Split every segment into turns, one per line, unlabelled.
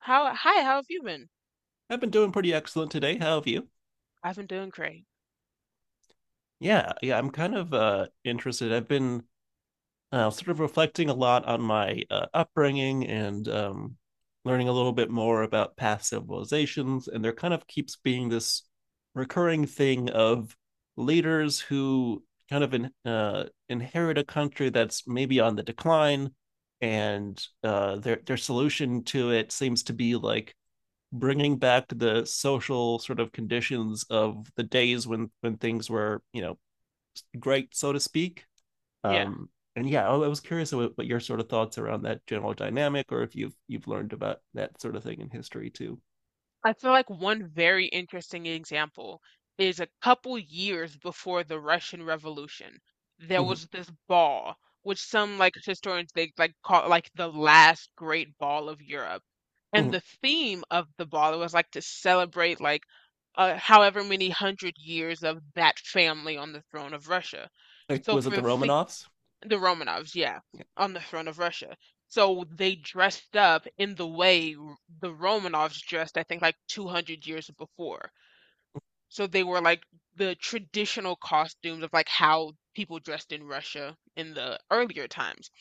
How hi, how have you been?
I've been doing pretty excellent today. How have you?
I've been doing great.
Yeah, yeah, I'm kind of interested. I've been sort of reflecting a lot on my upbringing and learning a little bit more about past civilizations, and there kind of keeps being this recurring thing of leaders who inherit a country that's maybe on the decline, and their solution to it seems to be like bringing back the social sort of conditions of the days when things were great, so to speak.
Yeah.
Um and yeah i, I was curious about what your sort of thoughts around that general dynamic, or if you've learned about that sort of thing in history too.
I feel like one very interesting example is a couple years before the Russian Revolution, there
Mm-hmm.
was this ball, which some like historians they like call like the last great ball of Europe. And
Mm-hmm.
the theme of the ball was like to celebrate however many hundred years of that family on the throne of Russia.
Like,
So
was it
for
the Romanovs?
the Romanovs, yeah,
Yeah.
on the throne of Russia. So they dressed up in the way the Romanovs dressed, I think, like 200 years before. So they were like the traditional costumes of like how people dressed in Russia in the earlier times.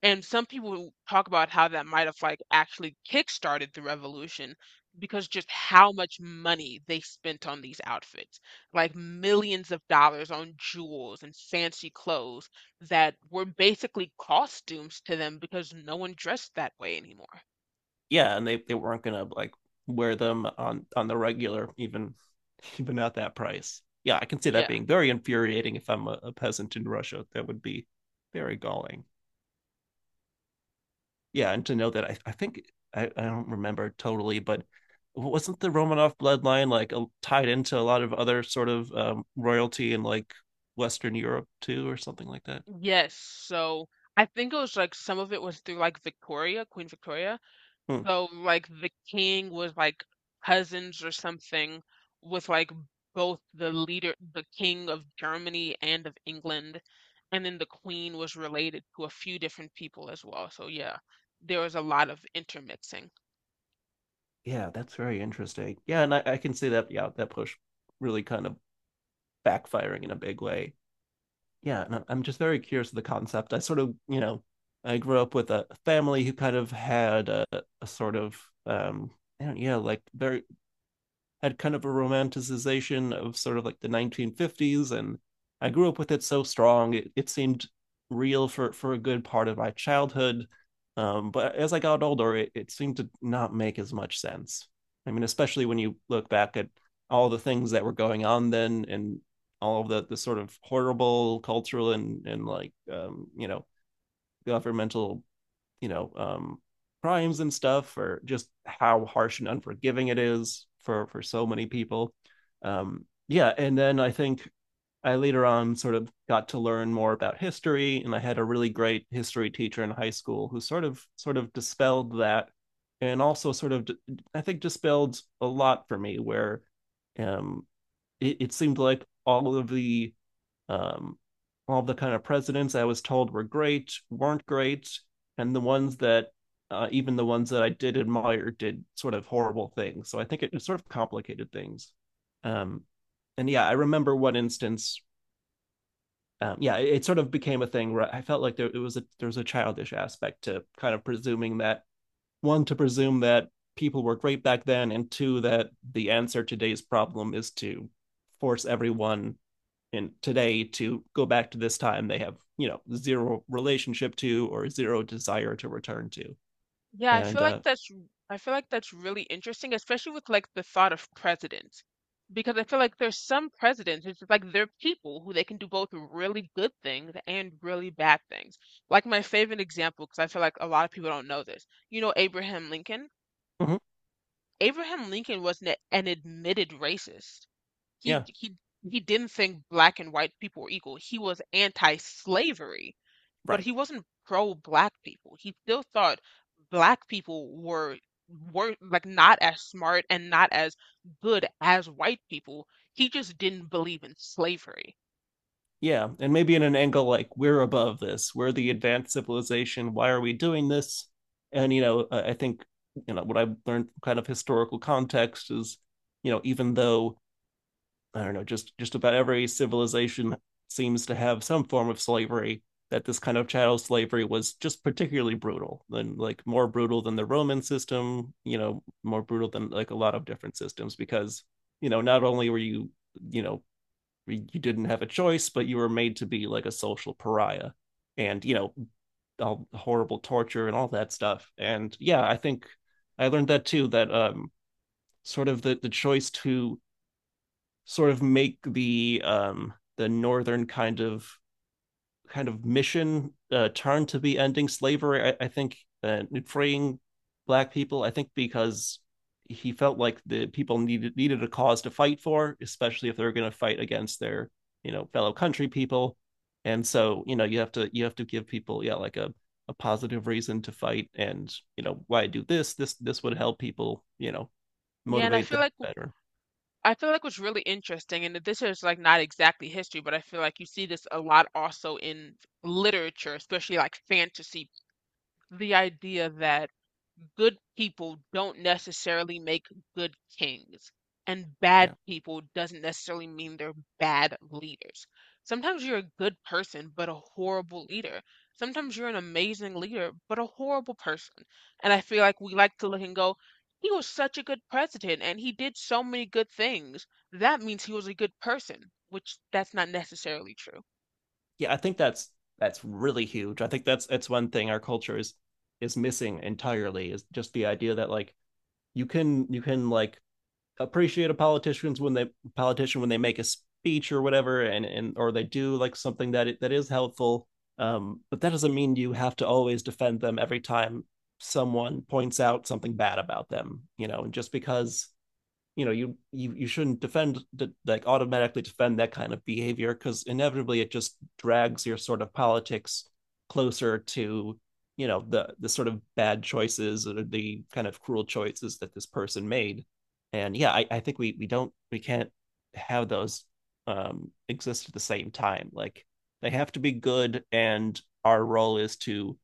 And some people talk about how that might have like actually kickstarted the revolution because just how much money they spent on these outfits, like millions of dollars on jewels and fancy clothes that were basically costumes to them because no one dressed that way anymore.
Yeah, and they weren't gonna like wear them on the regular even even at that price. Yeah, I can see that
Yeah.
being very infuriating. If I'm a peasant in Russia, that would be very galling. Yeah, and to know that I think I don't remember totally, but wasn't the Romanov bloodline like tied into a lot of other sort of royalty in like Western Europe too, or something like that?
Yes. So I think it was like some of it was through like Victoria, Queen Victoria.
Hmm.
So like the king was like cousins or something with like both the leader, the king of Germany and of England, and then the queen was related to a few different people as well. So yeah, there was a lot of intermixing.
Yeah, that's very interesting. Yeah, and I can see that. Yeah, that push really kind of backfiring in a big way. Yeah, and I am just very curious of the concept. I sort of, you know, I grew up with a family who kind of had a sort of, um, I don't, yeah, like very had kind of a romanticization of sort of like the 1950s, and I grew up with it so strong it seemed real for a good part of my childhood. But as I got older it seemed to not make as much sense. I mean, especially when you look back at all the things that were going on then, and all of the sort of horrible cultural and like you know, governmental, you know, crimes and stuff, or just how harsh and unforgiving it is for so many people. Yeah, and then I later on sort of got to learn more about history, and I had a really great history teacher in high school who sort of dispelled that, and also sort of, I think, dispelled a lot for me where, um, it seemed like all of the um, all the kind of presidents I was told were great weren't great, and the ones that even the ones that I did admire did sort of horrible things. So I think it sort of complicated things. Um, and yeah, I remember one instance. Yeah, it sort of became a thing where I felt like there was a childish aspect to kind of presuming that one to presume that people were great back then, and two, that the answer to today's problem is to force everyone and today to go back to this time they have, you know, zero relationship to or zero desire to return to.
Yeah, I feel
And
like that's I feel like that's really interesting, especially with like the thought of presidents. Because I feel like there's some presidents, it's just like they're people who they can do both really good things and really bad things. Like my favorite example, because I feel like a lot of people don't know this. You know Abraham Lincoln?
Mhm,
Abraham Lincoln was an admitted racist. He
yeah,
he he didn't think black and white people were equal. He was anti-slavery but
right.
he wasn't pro black people. He still thought black people were like not as smart and not as good as white people. He just didn't believe in slavery.
Yeah, and maybe in an angle like, we're above this, we're the advanced civilization, why are we doing this? And you know, I think, you know, what I've learned from kind of historical context is, you know, even though, I don't know, just about every civilization seems to have some form of slavery, that this kind of chattel slavery was just particularly brutal, and like more brutal than the Roman system, you know, more brutal than like a lot of different systems, because, you know, not only were you, you know, you didn't have a choice, but you were made to be like a social pariah, and you know, all horrible torture and all that stuff. And yeah, I think I learned that too. That sort of the choice to sort of make the northern kind of mission turn to be ending slavery. I think, freeing black people. I think because he felt like the people needed a cause to fight for, especially if they are going to fight against their, you know, fellow country people. And so, you know, you have to give people, yeah, like a positive reason to fight. And you know, why do this this would help people, you know,
Yeah, and
motivate them better.
I feel like what's really interesting, and this is like not exactly history, but I feel like you see this a lot also in literature, especially like fantasy, the idea that good people don't necessarily make good kings and bad
Yeah.
people doesn't necessarily mean they're bad leaders. Sometimes you're a good person but a horrible leader. Sometimes you're an amazing leader but a horrible person. And I feel like we like to look and go, he was such a good president and he did so many good things. That means he was a good person, which that's not necessarily true.
Yeah, I think that's really huge. I think that's one thing our culture is missing entirely, is just the idea that like you can like appreciate a politician when they make a speech or whatever, and or they do like something that that is helpful. But that doesn't mean you have to always defend them every time someone points out something bad about them. You know, and just because, you know, you shouldn't defend, like automatically defend, that kind of behavior, because inevitably it just drags your sort of politics closer to, you know, the sort of bad choices or the kind of cruel choices that this person made. And yeah, I think we don't, we can't have those exist at the same time, like they have to be good, and our role is to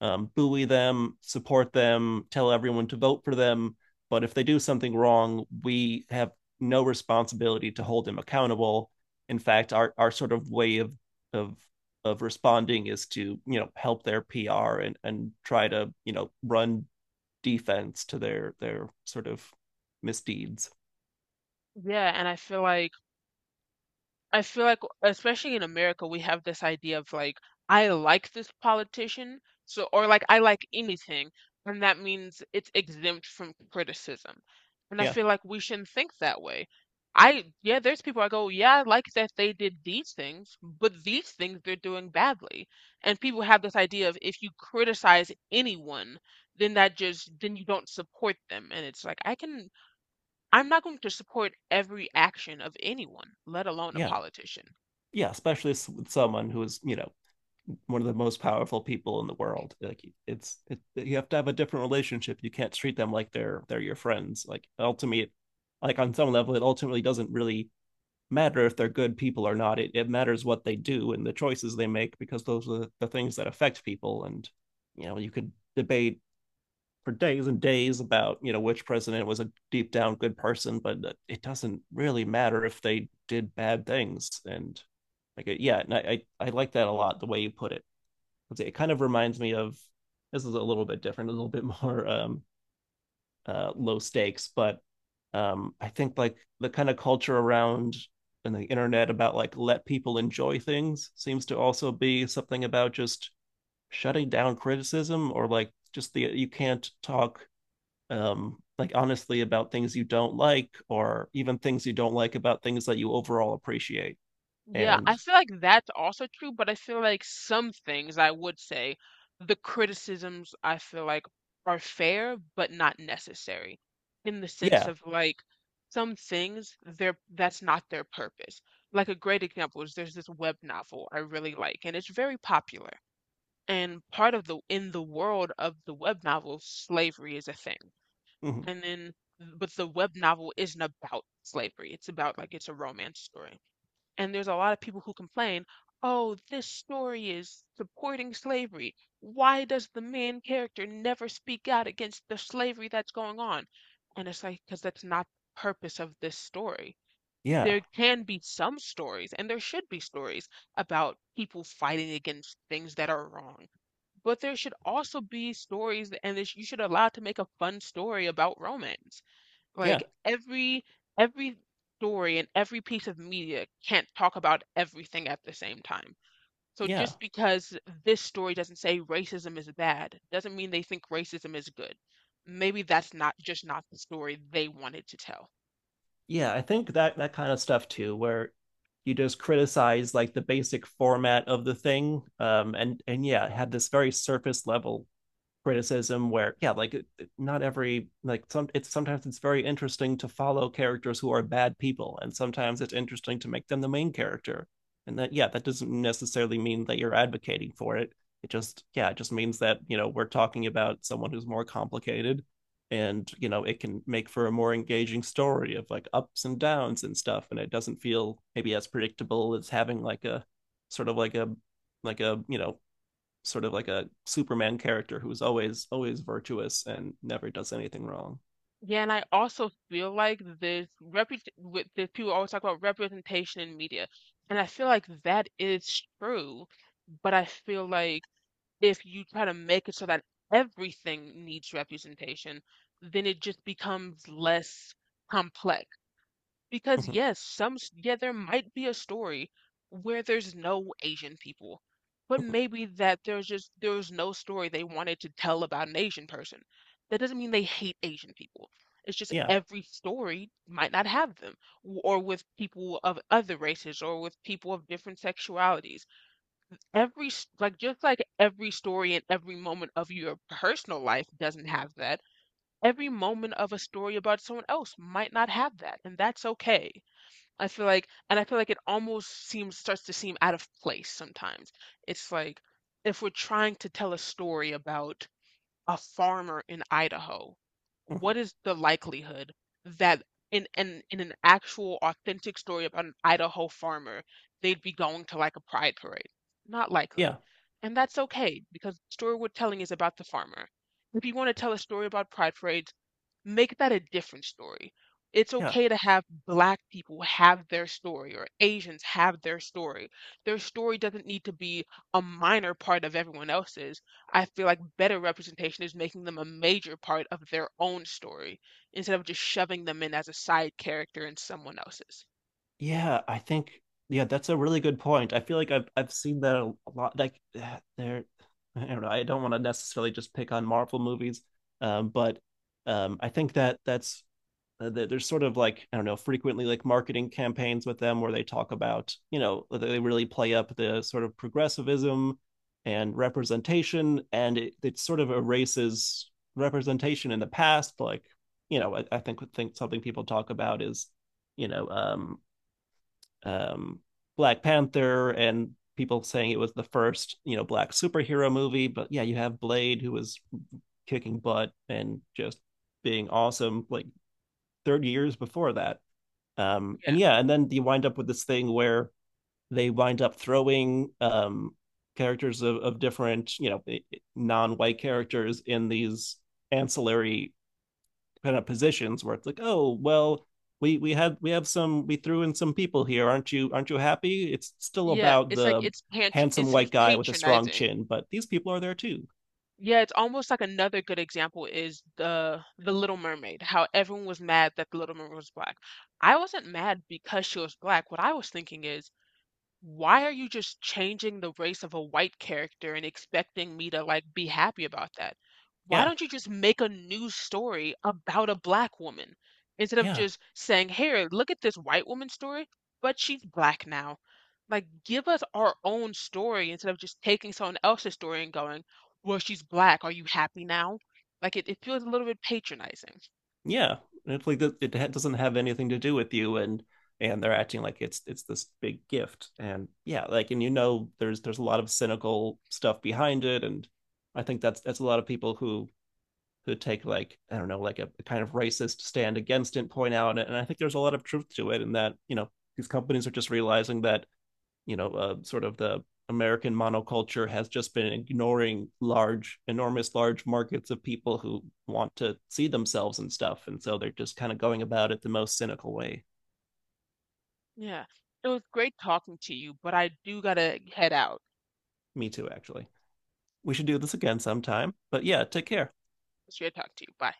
buoy them, support them, tell everyone to vote for them. But if they do something wrong, we have no responsibility to hold them accountable. In fact, our sort of way of of responding is to, you know, help their PR, and try to, you know, run defense to their sort of misdeeds.
Yeah, and I feel like, especially in America, we have this idea of like, I like this politician, so, or like, I like anything, and that means it's exempt from criticism. And I
Yeah,
feel like we shouldn't think that way. I, yeah, there's people I go, yeah, I like that they did these things, but these things they're doing badly. And people have this idea of if you criticize anyone, then that just, then you don't support them. And it's like, I can, I'm not going to support every action of anyone, let alone a
yeah,
politician.
yeah. Especially with someone who is, you know, one of the most powerful people in the world. Like you have to have a different relationship. You can't treat them like they're your friends. Like ultimately, like on some level, it ultimately doesn't really matter if they're good people or not. It matters what they do and the choices they make, because those are the things that affect people. And you know, you could debate for days and days about, you know, which president was a deep down good person, but it doesn't really matter if they did bad things. And like yeah, and I like that a lot, the way you put it. Let's see, it kind of reminds me of, this is a little bit different, a little bit more low stakes, but I think like the kind of culture around and the internet about like, let people enjoy things, seems to also be something about just shutting down criticism, or like just the, you can't talk like honestly about things you don't like, or even things you don't like about things that you overall appreciate.
Yeah, I
And
feel like that's also true, but I feel like some things I would say the criticisms I feel like are fair but not necessary in the sense
yeah
of like some things they're that's not their purpose. Like a great example is there's this web novel I really like and it's very popular. And part of the in the world of the web novel, slavery is a thing.
Mhm,
And then but the web novel isn't about slavery. It's about like it's a romance story. And there's a lot of people who complain, oh, this story is supporting slavery. Why does the main character never speak out against the slavery that's going on? And it's like, because that's not the purpose of this story.
yeah,
There can be some stories, and there should be stories about people fighting against things that are wrong. But there should also be stories, and you should allow it to make a fun story about romance.
yeah,
Like every story and every piece of media can't talk about everything at the same time. So
yeah.
just because this story doesn't say racism is bad, doesn't mean they think racism is good. Maybe that's not just not the story they wanted to tell.
Yeah, I think that that kind of stuff too, where you just criticize like the basic format of the thing, and yeah, it had this very surface level criticism where, yeah, like, not every, like some, it's sometimes it's very interesting to follow characters who are bad people, and sometimes it's interesting to make them the main character. And that, yeah, that doesn't necessarily mean that you're advocating for it. It just, yeah, it just means that, you know, we're talking about someone who's more complicated, and you know, it can make for a more engaging story of like ups and downs and stuff, and it doesn't feel maybe as predictable as having like a sort of like a you know, sort of like a Superman character who is always virtuous and never does anything wrong.
Yeah, and I also feel like this reput with the people always talk about representation in media, and I feel like that is true, but I feel like if you try to make it so that everything needs representation, then it just becomes less complex. Because
Mm-hmm.
yes, yeah, there might be a story where there's no Asian people, but maybe that there's just there was no story they wanted to tell about an Asian person. That doesn't mean they hate Asian people. It's just
Yeah.
every story might not have them, or with people of other races, or with people of different sexualities. Every s- like Just like every story and every moment of your personal life doesn't have that, every moment of a story about someone else might not have that, and that's okay. I feel like, and I feel like it almost seems starts to seem out of place sometimes. It's like if we're trying to tell a story about a farmer in Idaho,
Mm-hmm.
what is the likelihood that in an actual authentic story about an Idaho farmer, they'd be going to like a pride parade? Not likely.
Yeah,
And that's okay because the story we're telling is about the farmer. If you want to tell a story about pride parades, make that a different story. It's
yeah,
okay to have black people have their story or Asians have their story. Their story doesn't need to be a minor part of everyone else's. I feel like better representation is making them a major part of their own story instead of just shoving them in as a side character in someone else's.
yeah. I think, yeah, that's a really good point. I feel like I've seen that a lot. Like I don't know. I don't want to necessarily just pick on Marvel movies, but I think that that's, there's sort of like, I don't know, frequently like marketing campaigns with them where they talk about, you know, they really play up the sort of progressivism and representation, and it sort of erases representation in the past. Like, you know, I think something people talk about is, you know, um, Black Panther, and people saying it was the first, you know, black superhero movie, but yeah, you have Blade, who was kicking butt and just being awesome like 30 years before that. And
Yeah.
yeah, and then you wind up with this thing where they wind up throwing characters of, different, you know, non-white characters, in these ancillary kind of positions where it's like, oh, well, we have some, we threw in some people here, aren't you, aren't you happy? It's still
Yeah,
about
it's like
the
it's patron it
handsome
seems
white guy with a strong
patronizing.
chin, but these people are there too.
Yeah, it's almost like another good example is the Little Mermaid, how everyone was mad that the Little Mermaid was black. I wasn't mad because she was black. What I was thinking is why are you just changing the race of a white character and expecting me to like be happy about that? Why
Yeah,
don't you just make a new story about a black woman instead of
yeah.
just saying, "Here, look at this white woman story, but she's black now." Like give us our own story instead of just taking someone else's story and going, "Well, she's black. Are you happy now?" Like it feels a little bit patronizing.
Yeah, it's like that doesn't have anything to do with you, and they're acting like it's this big gift. And yeah, like, and you know, there's a lot of cynical stuff behind it. And I think that's a lot of people who take like, I don't know, like a kind of racist stand against it, point out it. And I think there's a lot of truth to it, in that you know, these companies are just realizing that, you know, sort of the American monoculture has just been ignoring large, enormous, large markets of people who want to see themselves and stuff. And so they're just kind of going about it the most cynical way.
Yeah. It was great talking to you, but I do gotta head out.
Me too, actually. We should do this again sometime. But yeah, take care.
It's great talking to you. Bye.